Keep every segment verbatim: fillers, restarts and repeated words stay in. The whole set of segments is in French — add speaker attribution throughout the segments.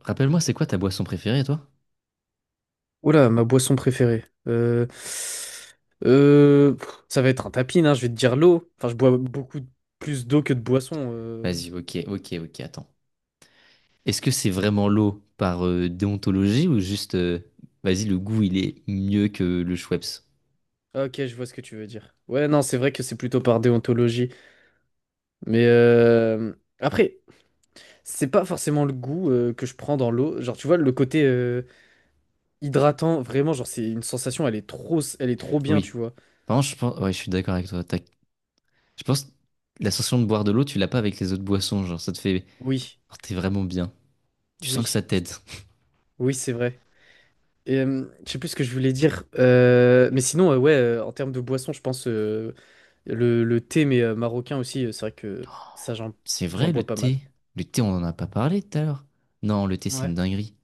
Speaker 1: Rappelle-moi, c'est quoi ta boisson préférée, toi?
Speaker 2: Oula, ma boisson préférée. Euh, euh, pff, ça va être un tapis, hein, je vais te dire l'eau. Enfin, je bois beaucoup plus d'eau que de boisson. euh.
Speaker 1: Vas-y, ok, ok, ok, attends. Est-ce que c'est vraiment l'eau par euh, déontologie ou juste, euh, vas-y, le goût, il est mieux que le Schweppes?
Speaker 2: Ah, ok, je vois ce que tu veux dire. Ouais, non, c'est vrai que c'est plutôt par déontologie. Mais euh, après, c'est pas forcément le goût euh, que je prends dans l'eau. Genre, tu vois, le côté euh, hydratant, vraiment, genre, c'est une sensation, elle est trop, elle est trop bien,
Speaker 1: Oui.
Speaker 2: tu vois.
Speaker 1: Par contre, je pense, ouais, je suis d'accord avec toi. Tac. Je pense, la sensation de boire de l'eau, tu l'as pas avec les autres boissons, genre, ça te fait,
Speaker 2: Oui,
Speaker 1: oh, t'es vraiment bien. Tu sens que ça
Speaker 2: oui,
Speaker 1: t'aide.
Speaker 2: oui, c'est vrai. Et, euh, je sais plus ce que je voulais dire. Euh, mais sinon, euh, ouais, euh, en termes de boisson, je pense euh, le, le thé, mais euh, marocain aussi, euh, c'est vrai que ça, j'en,
Speaker 1: C'est
Speaker 2: j'en
Speaker 1: vrai, le
Speaker 2: bois pas mal.
Speaker 1: thé. Le thé, on en a pas parlé tout à l'heure. Non, le thé, c'est une
Speaker 2: Ouais,
Speaker 1: dinguerie.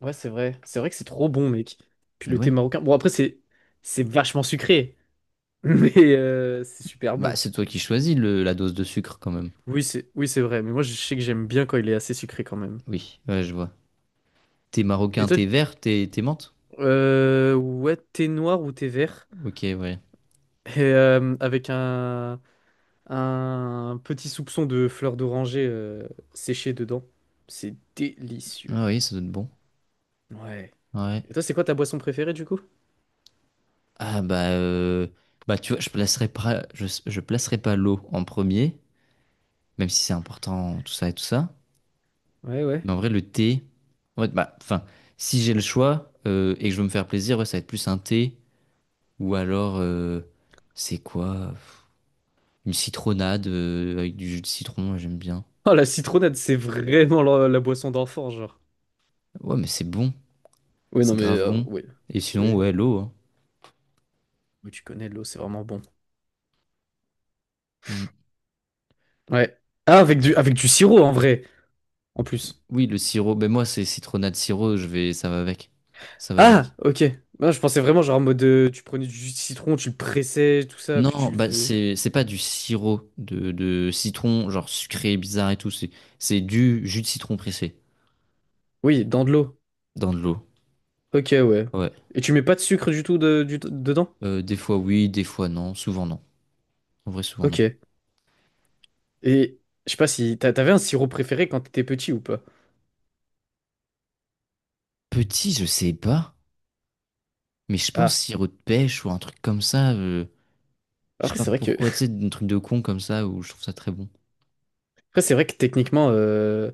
Speaker 2: ouais, c'est vrai. C'est vrai que c'est trop bon, mec. Puis
Speaker 1: Et
Speaker 2: le thé
Speaker 1: ouais.
Speaker 2: marocain. Bon, après, c'est, c'est vachement sucré, mais euh, c'est super
Speaker 1: Bah,
Speaker 2: bon.
Speaker 1: c'est toi qui choisis le- la dose de sucre, quand même.
Speaker 2: Oui, c'est, oui, c'est vrai. Mais moi, je sais que j'aime bien quand il est assez sucré quand même.
Speaker 1: Oui, ouais, je vois. Thé
Speaker 2: Et
Speaker 1: marocain,
Speaker 2: toi,
Speaker 1: thé vert, thé, thé menthe?
Speaker 2: euh, ouais, thé noir ou thé vert?
Speaker 1: Ok, ouais.
Speaker 2: Et euh, avec un, un petit soupçon de fleur d'oranger euh, séchée dedans. C'est délicieux.
Speaker 1: Ah oui, ça doit être bon.
Speaker 2: Ouais.
Speaker 1: Ouais.
Speaker 2: Et toi, c'est quoi ta boisson préférée du coup?
Speaker 1: Ah bah, euh, bah tu vois, je placerai pas, je, je placerai pas l'eau en premier, même si c'est important, tout ça et tout ça.
Speaker 2: Ouais, ouais.
Speaker 1: Mais en vrai, le thé, en fait bah, enfin, si j'ai le choix euh, et que je veux me faire plaisir, ouais, ça va être plus un thé ou alors, euh, c'est quoi? Pff, Une citronnade euh, avec du jus de citron, ouais, j'aime bien.
Speaker 2: Oh, la citronnade, c'est vraiment la, la boisson d'enfant, genre.
Speaker 1: Ouais, mais c'est bon,
Speaker 2: Oui,
Speaker 1: c'est
Speaker 2: non, mais
Speaker 1: grave
Speaker 2: euh,
Speaker 1: bon.
Speaker 2: oui.
Speaker 1: Et sinon,
Speaker 2: Oui.
Speaker 1: ouais, l'eau, hein.
Speaker 2: Oui, tu connais l'eau, c'est vraiment bon.
Speaker 1: Mm.
Speaker 2: Ouais. Ah, avec du, avec du sirop en vrai, en plus.
Speaker 1: Oui, le sirop. Ben moi, c'est citronnade sirop, je vais, ça va avec, ça va
Speaker 2: Ah,
Speaker 1: avec.
Speaker 2: ok. Ah, je pensais vraiment genre en mode euh, tu prenais du jus de citron, tu le pressais, tout ça, puis
Speaker 1: Non,
Speaker 2: tu le
Speaker 1: bah
Speaker 2: fais.
Speaker 1: c'est c'est pas du sirop de, de citron, genre sucré, bizarre et tout. C'est c'est du jus de citron pressé
Speaker 2: Oui, dans de l'eau.
Speaker 1: dans de l'eau.
Speaker 2: Ok, ouais.
Speaker 1: Ouais.
Speaker 2: Et tu mets pas de sucre du tout de- du- dedans?
Speaker 1: Euh, des fois oui, des fois non. Souvent non. En vrai, souvent non.
Speaker 2: Ok. Et je sais pas si t'a- t'avais un sirop préféré quand t'étais petit ou pas.
Speaker 1: Petit, je sais pas. Mais je pense
Speaker 2: Ah,
Speaker 1: sirop de pêche ou un truc comme ça. Euh, je sais
Speaker 2: après
Speaker 1: pas
Speaker 2: c'est vrai que
Speaker 1: pourquoi, tu sais, un truc de con comme ça où je trouve ça très bon.
Speaker 2: après c'est vrai que techniquement euh,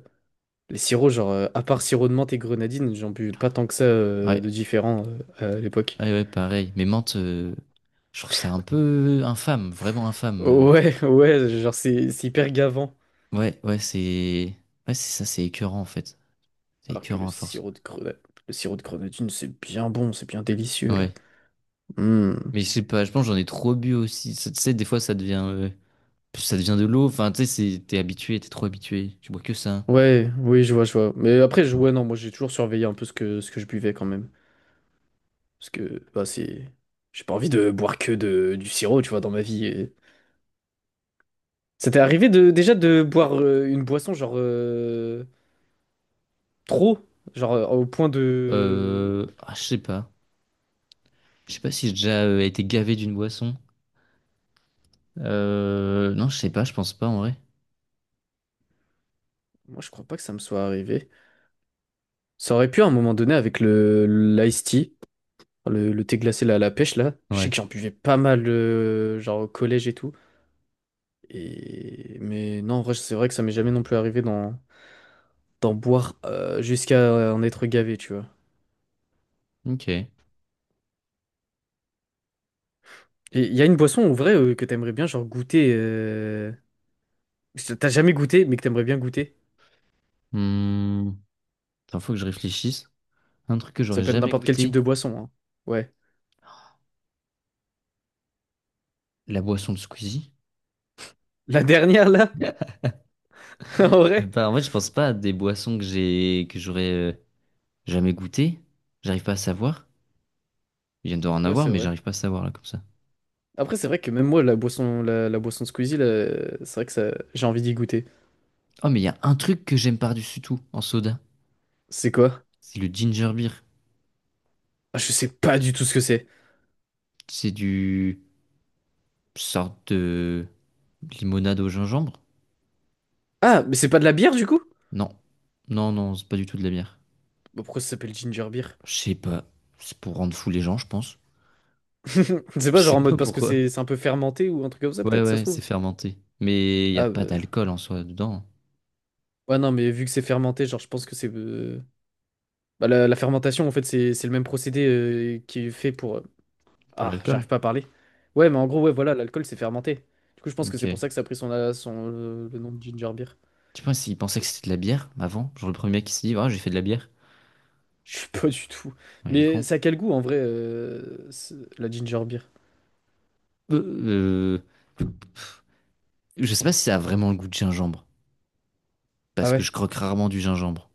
Speaker 2: les sirops genre euh, à part sirop de menthe et grenadine, j'en buvais pas tant que ça euh, de
Speaker 1: Ouais.
Speaker 2: différents euh, à l'époque.
Speaker 1: Ouais, ouais, pareil. Mais menthe, euh, je trouve ça un peu infâme, vraiment infâme. euh.
Speaker 2: Ouais, ouais, genre c'est c'est hyper gavant.
Speaker 1: Ouais, ouais, c'est. Ouais, c'est ça, c'est écœurant en fait. C'est
Speaker 2: Alors que le
Speaker 1: écœurant à force.
Speaker 2: sirop de grenadine, le sirop de grenadine c'est bien bon, c'est bien délicieux là.
Speaker 1: Ouais.
Speaker 2: Hmm.
Speaker 1: Mais je sais pas, je pense que j'en ai trop bu aussi. Ça- Tu sais, des fois, ça devient, euh, ça devient de l'eau. Enfin, tu sais, c'est- t'es habitué, t'es trop habitué. Tu bois que ça.
Speaker 2: Ouais, oui, je vois, je vois. Mais après je ouais non, moi j'ai toujours surveillé un peu ce que ce que je buvais quand même parce que bah c'est j'ai pas envie de boire que de du sirop, tu vois, dans ma vie. et- Ça t'est arrivé de déjà de boire euh, une boisson genre euh, trop, genre euh, au point de...
Speaker 1: Euh, ah, je sais pas. Je sais pas si j'ai déjà euh, été gavé d'une boisson. Euh, non, je sais pas, je pense pas en vrai.
Speaker 2: Moi je crois pas que ça me soit arrivé. Ça aurait pu à un moment donné avec le l'ice tea, le, le thé glacé là, à la pêche là. Je sais
Speaker 1: Ouais.
Speaker 2: que j'en buvais pas mal euh, genre au collège et tout. Et mais non en vrai c'est vrai que ça m'est jamais non plus arrivé d'en d'en boire euh, jusqu'à en être gavé tu vois.
Speaker 1: Ok.
Speaker 2: Et il y a une boisson en vrai euh, que t'aimerais bien genre goûter. Euh, que t'as jamais goûté mais que t'aimerais bien goûter.
Speaker 1: Hmm. Attends, faut que je réfléchisse. Un truc que
Speaker 2: Ça
Speaker 1: j'aurais
Speaker 2: peut être
Speaker 1: jamais
Speaker 2: n'importe quel type
Speaker 1: goûté,
Speaker 2: de boisson hein. Ouais.
Speaker 1: la boisson de Squeezie.
Speaker 2: La dernière là, en
Speaker 1: Je sais
Speaker 2: vrai.
Speaker 1: pas, en fait, je pense pas à des boissons que j'ai, que j'aurais euh, jamais goûté. J'arrive pas à savoir. Il vient d'en
Speaker 2: Ouais,
Speaker 1: avoir,
Speaker 2: c'est
Speaker 1: mais
Speaker 2: vrai.
Speaker 1: j'arrive pas à savoir là comme ça.
Speaker 2: Après, c'est vrai que même moi, la boisson, la, la boisson de Squeezie, là, c'est vrai que ça, j'ai envie d'y goûter.
Speaker 1: Oh, mais il y a un truc que j'aime par-dessus tout en soda.
Speaker 2: C'est quoi?
Speaker 1: C'est le ginger beer.
Speaker 2: Ah, je sais pas du tout ce que c'est.
Speaker 1: C'est du sorte de limonade au gingembre?
Speaker 2: Ah, mais c'est pas de la bière du coup?
Speaker 1: Non. Non, non, c'est pas du tout de la bière.
Speaker 2: Bah, pourquoi ça s'appelle ginger beer?
Speaker 1: Je sais pas. C'est pour rendre fou les gens, je pense.
Speaker 2: C'est
Speaker 1: Je
Speaker 2: pas
Speaker 1: sais
Speaker 2: genre en
Speaker 1: pas
Speaker 2: mode parce que
Speaker 1: pourquoi.
Speaker 2: c'est c'est un peu fermenté ou un truc comme ça,
Speaker 1: Ouais,
Speaker 2: peut-être, ça se
Speaker 1: ouais, c'est
Speaker 2: trouve.
Speaker 1: fermenté. Mais il n'y a
Speaker 2: Ah,
Speaker 1: pas
Speaker 2: bah...
Speaker 1: d'alcool en soi dedans, hein.
Speaker 2: ouais, non, mais vu que c'est fermenté, genre, je pense que c'est. Euh, Bah, la, la fermentation, en fait, c'est c'est le même procédé euh, qui est fait pour, euh,
Speaker 1: Pour
Speaker 2: ah, j'arrive
Speaker 1: l'alcool?
Speaker 2: pas à parler. Ouais, mais en gros, ouais, voilà, l'alcool c'est fermenté. Du coup, je pense que c'est pour
Speaker 1: Ok.
Speaker 2: ça que ça a pris son, euh, son, euh, le nom de ginger beer.
Speaker 1: Tu penses s'ils pensaient que
Speaker 2: Mais
Speaker 1: c'était de la bière avant? Genre le premier mec qui s'est dit, ah, j'ai fait de la bière.
Speaker 2: je sais pas du tout.
Speaker 1: Ouais, il est
Speaker 2: Mais
Speaker 1: con.
Speaker 2: ça a quel goût en vrai, euh, ce- la ginger beer?
Speaker 1: Euh, euh, Je sais pas si ça a vraiment le goût de gingembre.
Speaker 2: Ah
Speaker 1: Parce que je
Speaker 2: ouais?
Speaker 1: croque rarement du gingembre.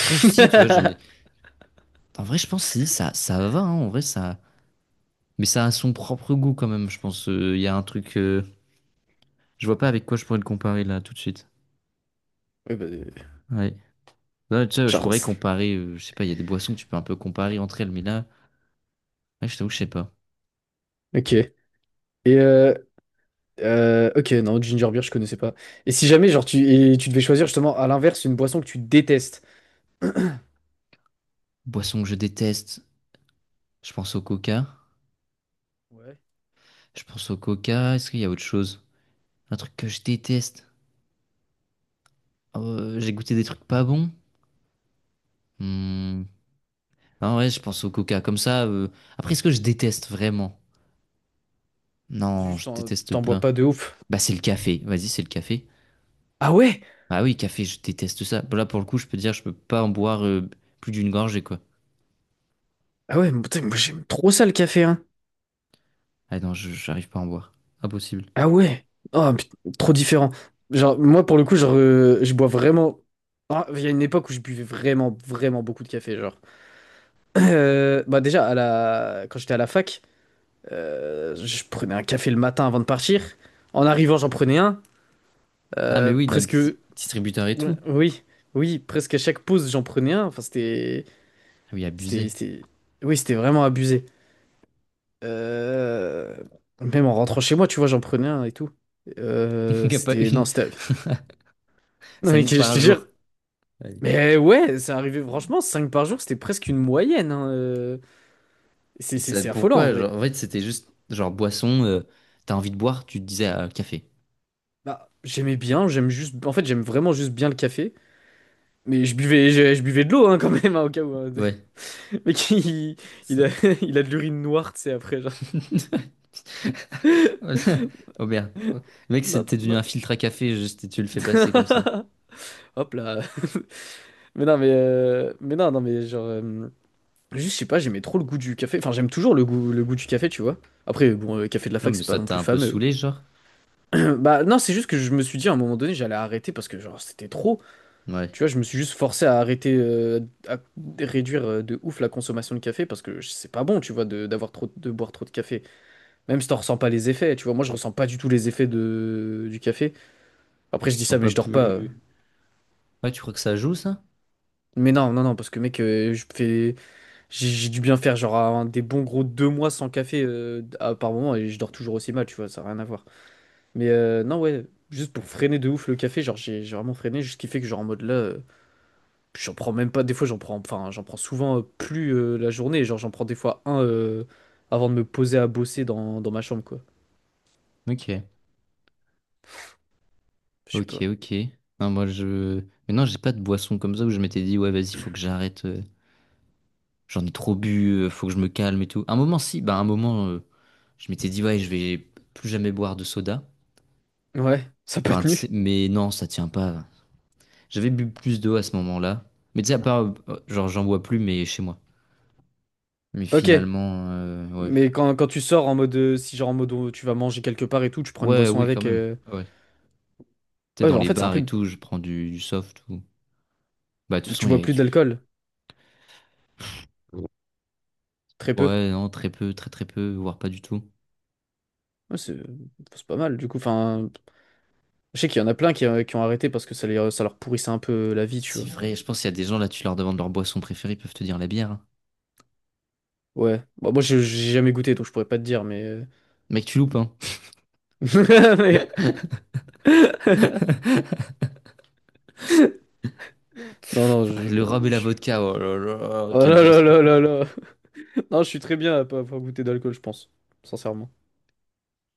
Speaker 1: Après, je- si, tu vois, j'en ai. Enfin, en vrai, je pense si, ça, ça va, hein, en vrai, ça. Mais ça a son propre goût quand même, je pense. Euh, Il y a un truc. euh, Je vois pas avec quoi je pourrais le comparer là, tout de suite.
Speaker 2: Ouais, bah, euh,
Speaker 1: Ouais. Ouais, tu sais, je pourrais
Speaker 2: Charles.
Speaker 1: comparer. euh, Je sais pas, il y a des boissons que tu peux un peu comparer entre elles, mais là, ouais, je t'avoue, je sais pas.
Speaker 2: Ok. Et euh, euh, ok, non, ginger beer, je connaissais pas. Et si jamais, genre, tu, et tu devais choisir justement à l'inverse une boisson que tu détestes.
Speaker 1: Boisson que je déteste, je pense au coca.
Speaker 2: Ouais.
Speaker 1: Je pense au coca. Est-ce qu'il y a autre chose? Un truc que je déteste. Euh, j'ai goûté des trucs pas bons. Hmm. Non, ouais, je pense au coca. Comme ça. euh, Après, est-ce que je déteste vraiment? Non,
Speaker 2: Juste,
Speaker 1: je
Speaker 2: t'en
Speaker 1: déteste
Speaker 2: t'en bois
Speaker 1: pas.
Speaker 2: pas de ouf.
Speaker 1: Bah, c'est le café. Vas-y, c'est le café.
Speaker 2: Ah ouais?
Speaker 1: Ah oui, café, je déteste ça. Bon, Là, pour le coup, je peux te dire, je peux pas en boire euh, plus d'une gorgée, quoi.
Speaker 2: Ah ouais, mais putain, moi j'aime trop ça le café, hein.
Speaker 1: Ah non, je- j'arrive pas à en boire. Impossible.
Speaker 2: Ah ouais. Ah, put- Trop différent. Genre, moi, pour le coup, genre, euh, je bois vraiment. Ah, il y a une époque où je buvais vraiment, vraiment beaucoup de café, genre. Euh, bah déjà, à la... quand j'étais à la fac, euh, je prenais un café le matin avant de partir. En arrivant, j'en prenais un.
Speaker 1: Ah, mais
Speaker 2: Euh,
Speaker 1: oui, dans les
Speaker 2: presque...
Speaker 1: dis- distributeurs et tout.
Speaker 2: Oui, oui, presque à chaque pause, j'en prenais un. Enfin, c'était...
Speaker 1: Ah oui,
Speaker 2: C'était...
Speaker 1: abusé.
Speaker 2: c'était- Oui, c'était vraiment abusé. Euh, Même en rentrant chez moi, tu vois, j'en prenais un et tout.
Speaker 1: Il
Speaker 2: Euh,
Speaker 1: n'y a pas
Speaker 2: C'était...
Speaker 1: une.
Speaker 2: Non, c'était... Non, mais
Speaker 1: Cinq
Speaker 2: je
Speaker 1: par
Speaker 2: te jure,
Speaker 1: jour. Ouais.
Speaker 2: mais ouais, c'est arrivé, franchement, cinq par jour, c'était presque une moyenne. hein, euh.
Speaker 1: Et
Speaker 2: C'est c'est-
Speaker 1: ça,
Speaker 2: c'est affolant en
Speaker 1: pourquoi?
Speaker 2: vrai.
Speaker 1: Genre, en fait, c'était juste, genre, boisson, euh, t'as envie de boire, tu te disais ah, café.
Speaker 2: Bah, j'aimais bien, j'aime juste. En fait, j'aime vraiment juste bien le café. Mais je buvais, je, je buvais de l'eau hein, quand même, hein, au cas où. Hein.
Speaker 1: Ouais,
Speaker 2: Le Mec, il, il
Speaker 1: ça.
Speaker 2: a, il a de l'urine noire, tu sais, après, genre.
Speaker 1: Oh merde. Le mec,
Speaker 2: Non,
Speaker 1: c'était devenu
Speaker 2: non.
Speaker 1: un filtre à café, juste, et tu le fais passer comme ça.
Speaker 2: Hop là. Mais non, mais. Euh, Mais non, non, mais genre. Euh, Juste, je sais pas, j'aimais trop le goût du café. Enfin, j'aime toujours le goût, le goût du café, tu vois. Après, bon, le café de la
Speaker 1: Non,
Speaker 2: fac,
Speaker 1: mais
Speaker 2: c'est pas
Speaker 1: ça
Speaker 2: non
Speaker 1: t'a
Speaker 2: plus
Speaker 1: un peu
Speaker 2: fameux.
Speaker 1: saoulé, genre?
Speaker 2: Bah, non, c'est juste que je me suis dit à un moment donné, j'allais arrêter parce que, genre, c'était trop.
Speaker 1: Ouais.
Speaker 2: Tu vois, je me suis juste forcé à arrêter, euh, à réduire euh, de ouf la consommation de café parce que c'est pas bon, tu vois, de, d'avoir trop, de boire trop de café. Même si t'en ressens pas les effets, tu vois. Moi, je ressens pas du tout les effets de, du café. Après, je
Speaker 1: Tu te
Speaker 2: dis ça,
Speaker 1: sens
Speaker 2: mais
Speaker 1: pas
Speaker 2: je dors pas. euh.
Speaker 1: plus. Ouais, tu crois que ça joue, ça?
Speaker 2: Mais non, non, non, parce que mec, euh, je fais, j'ai j'ai dû bien faire genre un- des bons gros deux mois sans café euh, à- par moment et je dors toujours aussi mal, tu vois, ça n'a rien à voir. Mais euh, non, ouais, juste pour freiner de ouf le café, genre j'ai j'ai vraiment freiné, juste ce qui fait que genre en mode là. euh, Puis j'en prends même pas, des fois j'en prends, enfin j'en prends souvent euh, plus euh, la journée, genre j'en prends des fois un euh, avant de me poser à bosser dans, dans ma chambre quoi.
Speaker 1: Ok,
Speaker 2: Je sais
Speaker 1: ok,
Speaker 2: pas.
Speaker 1: ok. Non, moi, je. Mais non, j'ai pas de boisson comme ça où je m'étais dit, ouais, vas-y, faut que j'arrête. euh, J'en ai trop bu, euh, faut que je me calme et tout. Un moment, si, bah, un moment, euh, je m'étais dit, ouais, je vais plus jamais boire de soda.
Speaker 2: Ouais, ça n'a pas
Speaker 1: Enfin, tu sais,
Speaker 2: tenu.
Speaker 1: mais non, ça tient pas. J'avais bu plus d'eau à ce moment-là. Mais tu sais, à part, euh, genre, j'en bois plus, mais chez moi. Mais
Speaker 2: Ok,
Speaker 1: finalement, euh, ouais.
Speaker 2: mais quand, quand tu sors en mode, euh, si genre en mode euh, tu vas manger quelque part et tout, tu prends une
Speaker 1: Ouais,
Speaker 2: boisson
Speaker 1: oui, quand
Speaker 2: avec.
Speaker 1: même.
Speaker 2: euh,
Speaker 1: Ouais. Tu sais,
Speaker 2: Ouais,
Speaker 1: dans
Speaker 2: bah, en
Speaker 1: les
Speaker 2: fait c'est un
Speaker 1: bars et
Speaker 2: peu,
Speaker 1: tout, je prends du, du soft ou. Bah, de toute façon,
Speaker 2: tu
Speaker 1: il y
Speaker 2: bois plus d'alcool,
Speaker 1: a.
Speaker 2: très peu.
Speaker 1: Ouais, non, très peu, très très peu, voire pas du tout.
Speaker 2: Ouais, c'est c'est pas mal du coup, enfin je sais qu'il y en a plein qui, euh, qui ont arrêté parce que ça, les, ça leur pourrissait un peu euh, la vie, tu
Speaker 1: C'est
Speaker 2: vois.
Speaker 1: vrai, je pense qu'il y a des gens là, tu leur demandes leur boisson préférée, ils peuvent te dire la bière, hein.
Speaker 2: Ouais, bon, moi j'ai j'ai jamais goûté donc je pourrais pas te dire mais...
Speaker 1: Mec, tu loupes, hein.
Speaker 2: euh, mais... Non,
Speaker 1: Pff,
Speaker 2: non, je,
Speaker 1: le rhum et la
Speaker 2: je-
Speaker 1: vodka, oh là là,
Speaker 2: Oh
Speaker 1: quelle
Speaker 2: là là
Speaker 1: boisson.
Speaker 2: là là là. Non, je suis très bien à pas avoir goûté d'alcool, je pense. Sincèrement.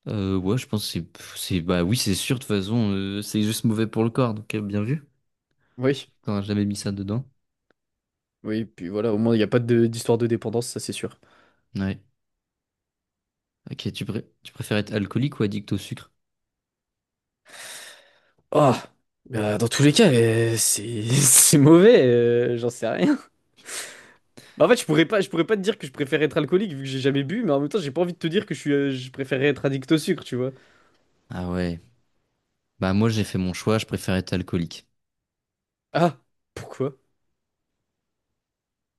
Speaker 1: Euh, ouais, je pense que c'est, pff, c'est, bah oui, c'est sûr, de toute façon, euh, c'est juste mauvais pour le corps, donc euh, bien vu.
Speaker 2: Oui,
Speaker 1: T'aurais jamais mis ça dedans.
Speaker 2: oui, puis voilà, au moins, il n'y a pas de- d'histoire de dépendance, ça c'est sûr.
Speaker 1: Ouais. Ok, tu, pré- tu préfères être alcoolique ou addict au sucre?
Speaker 2: Ah, bah, dans tous les cas, euh, c'est c'est mauvais, euh, j'en sais rien. Bah, en fait, je pourrais pas, je pourrais pas te dire que je préfère être alcoolique vu que j'ai jamais bu, mais en même temps, j'ai pas envie de te dire que je suis, euh, je préférerais être addict au sucre, tu vois.
Speaker 1: Ah ouais. Bah moi, j'ai fait mon choix, je préfère être alcoolique.
Speaker 2: Ah, pourquoi?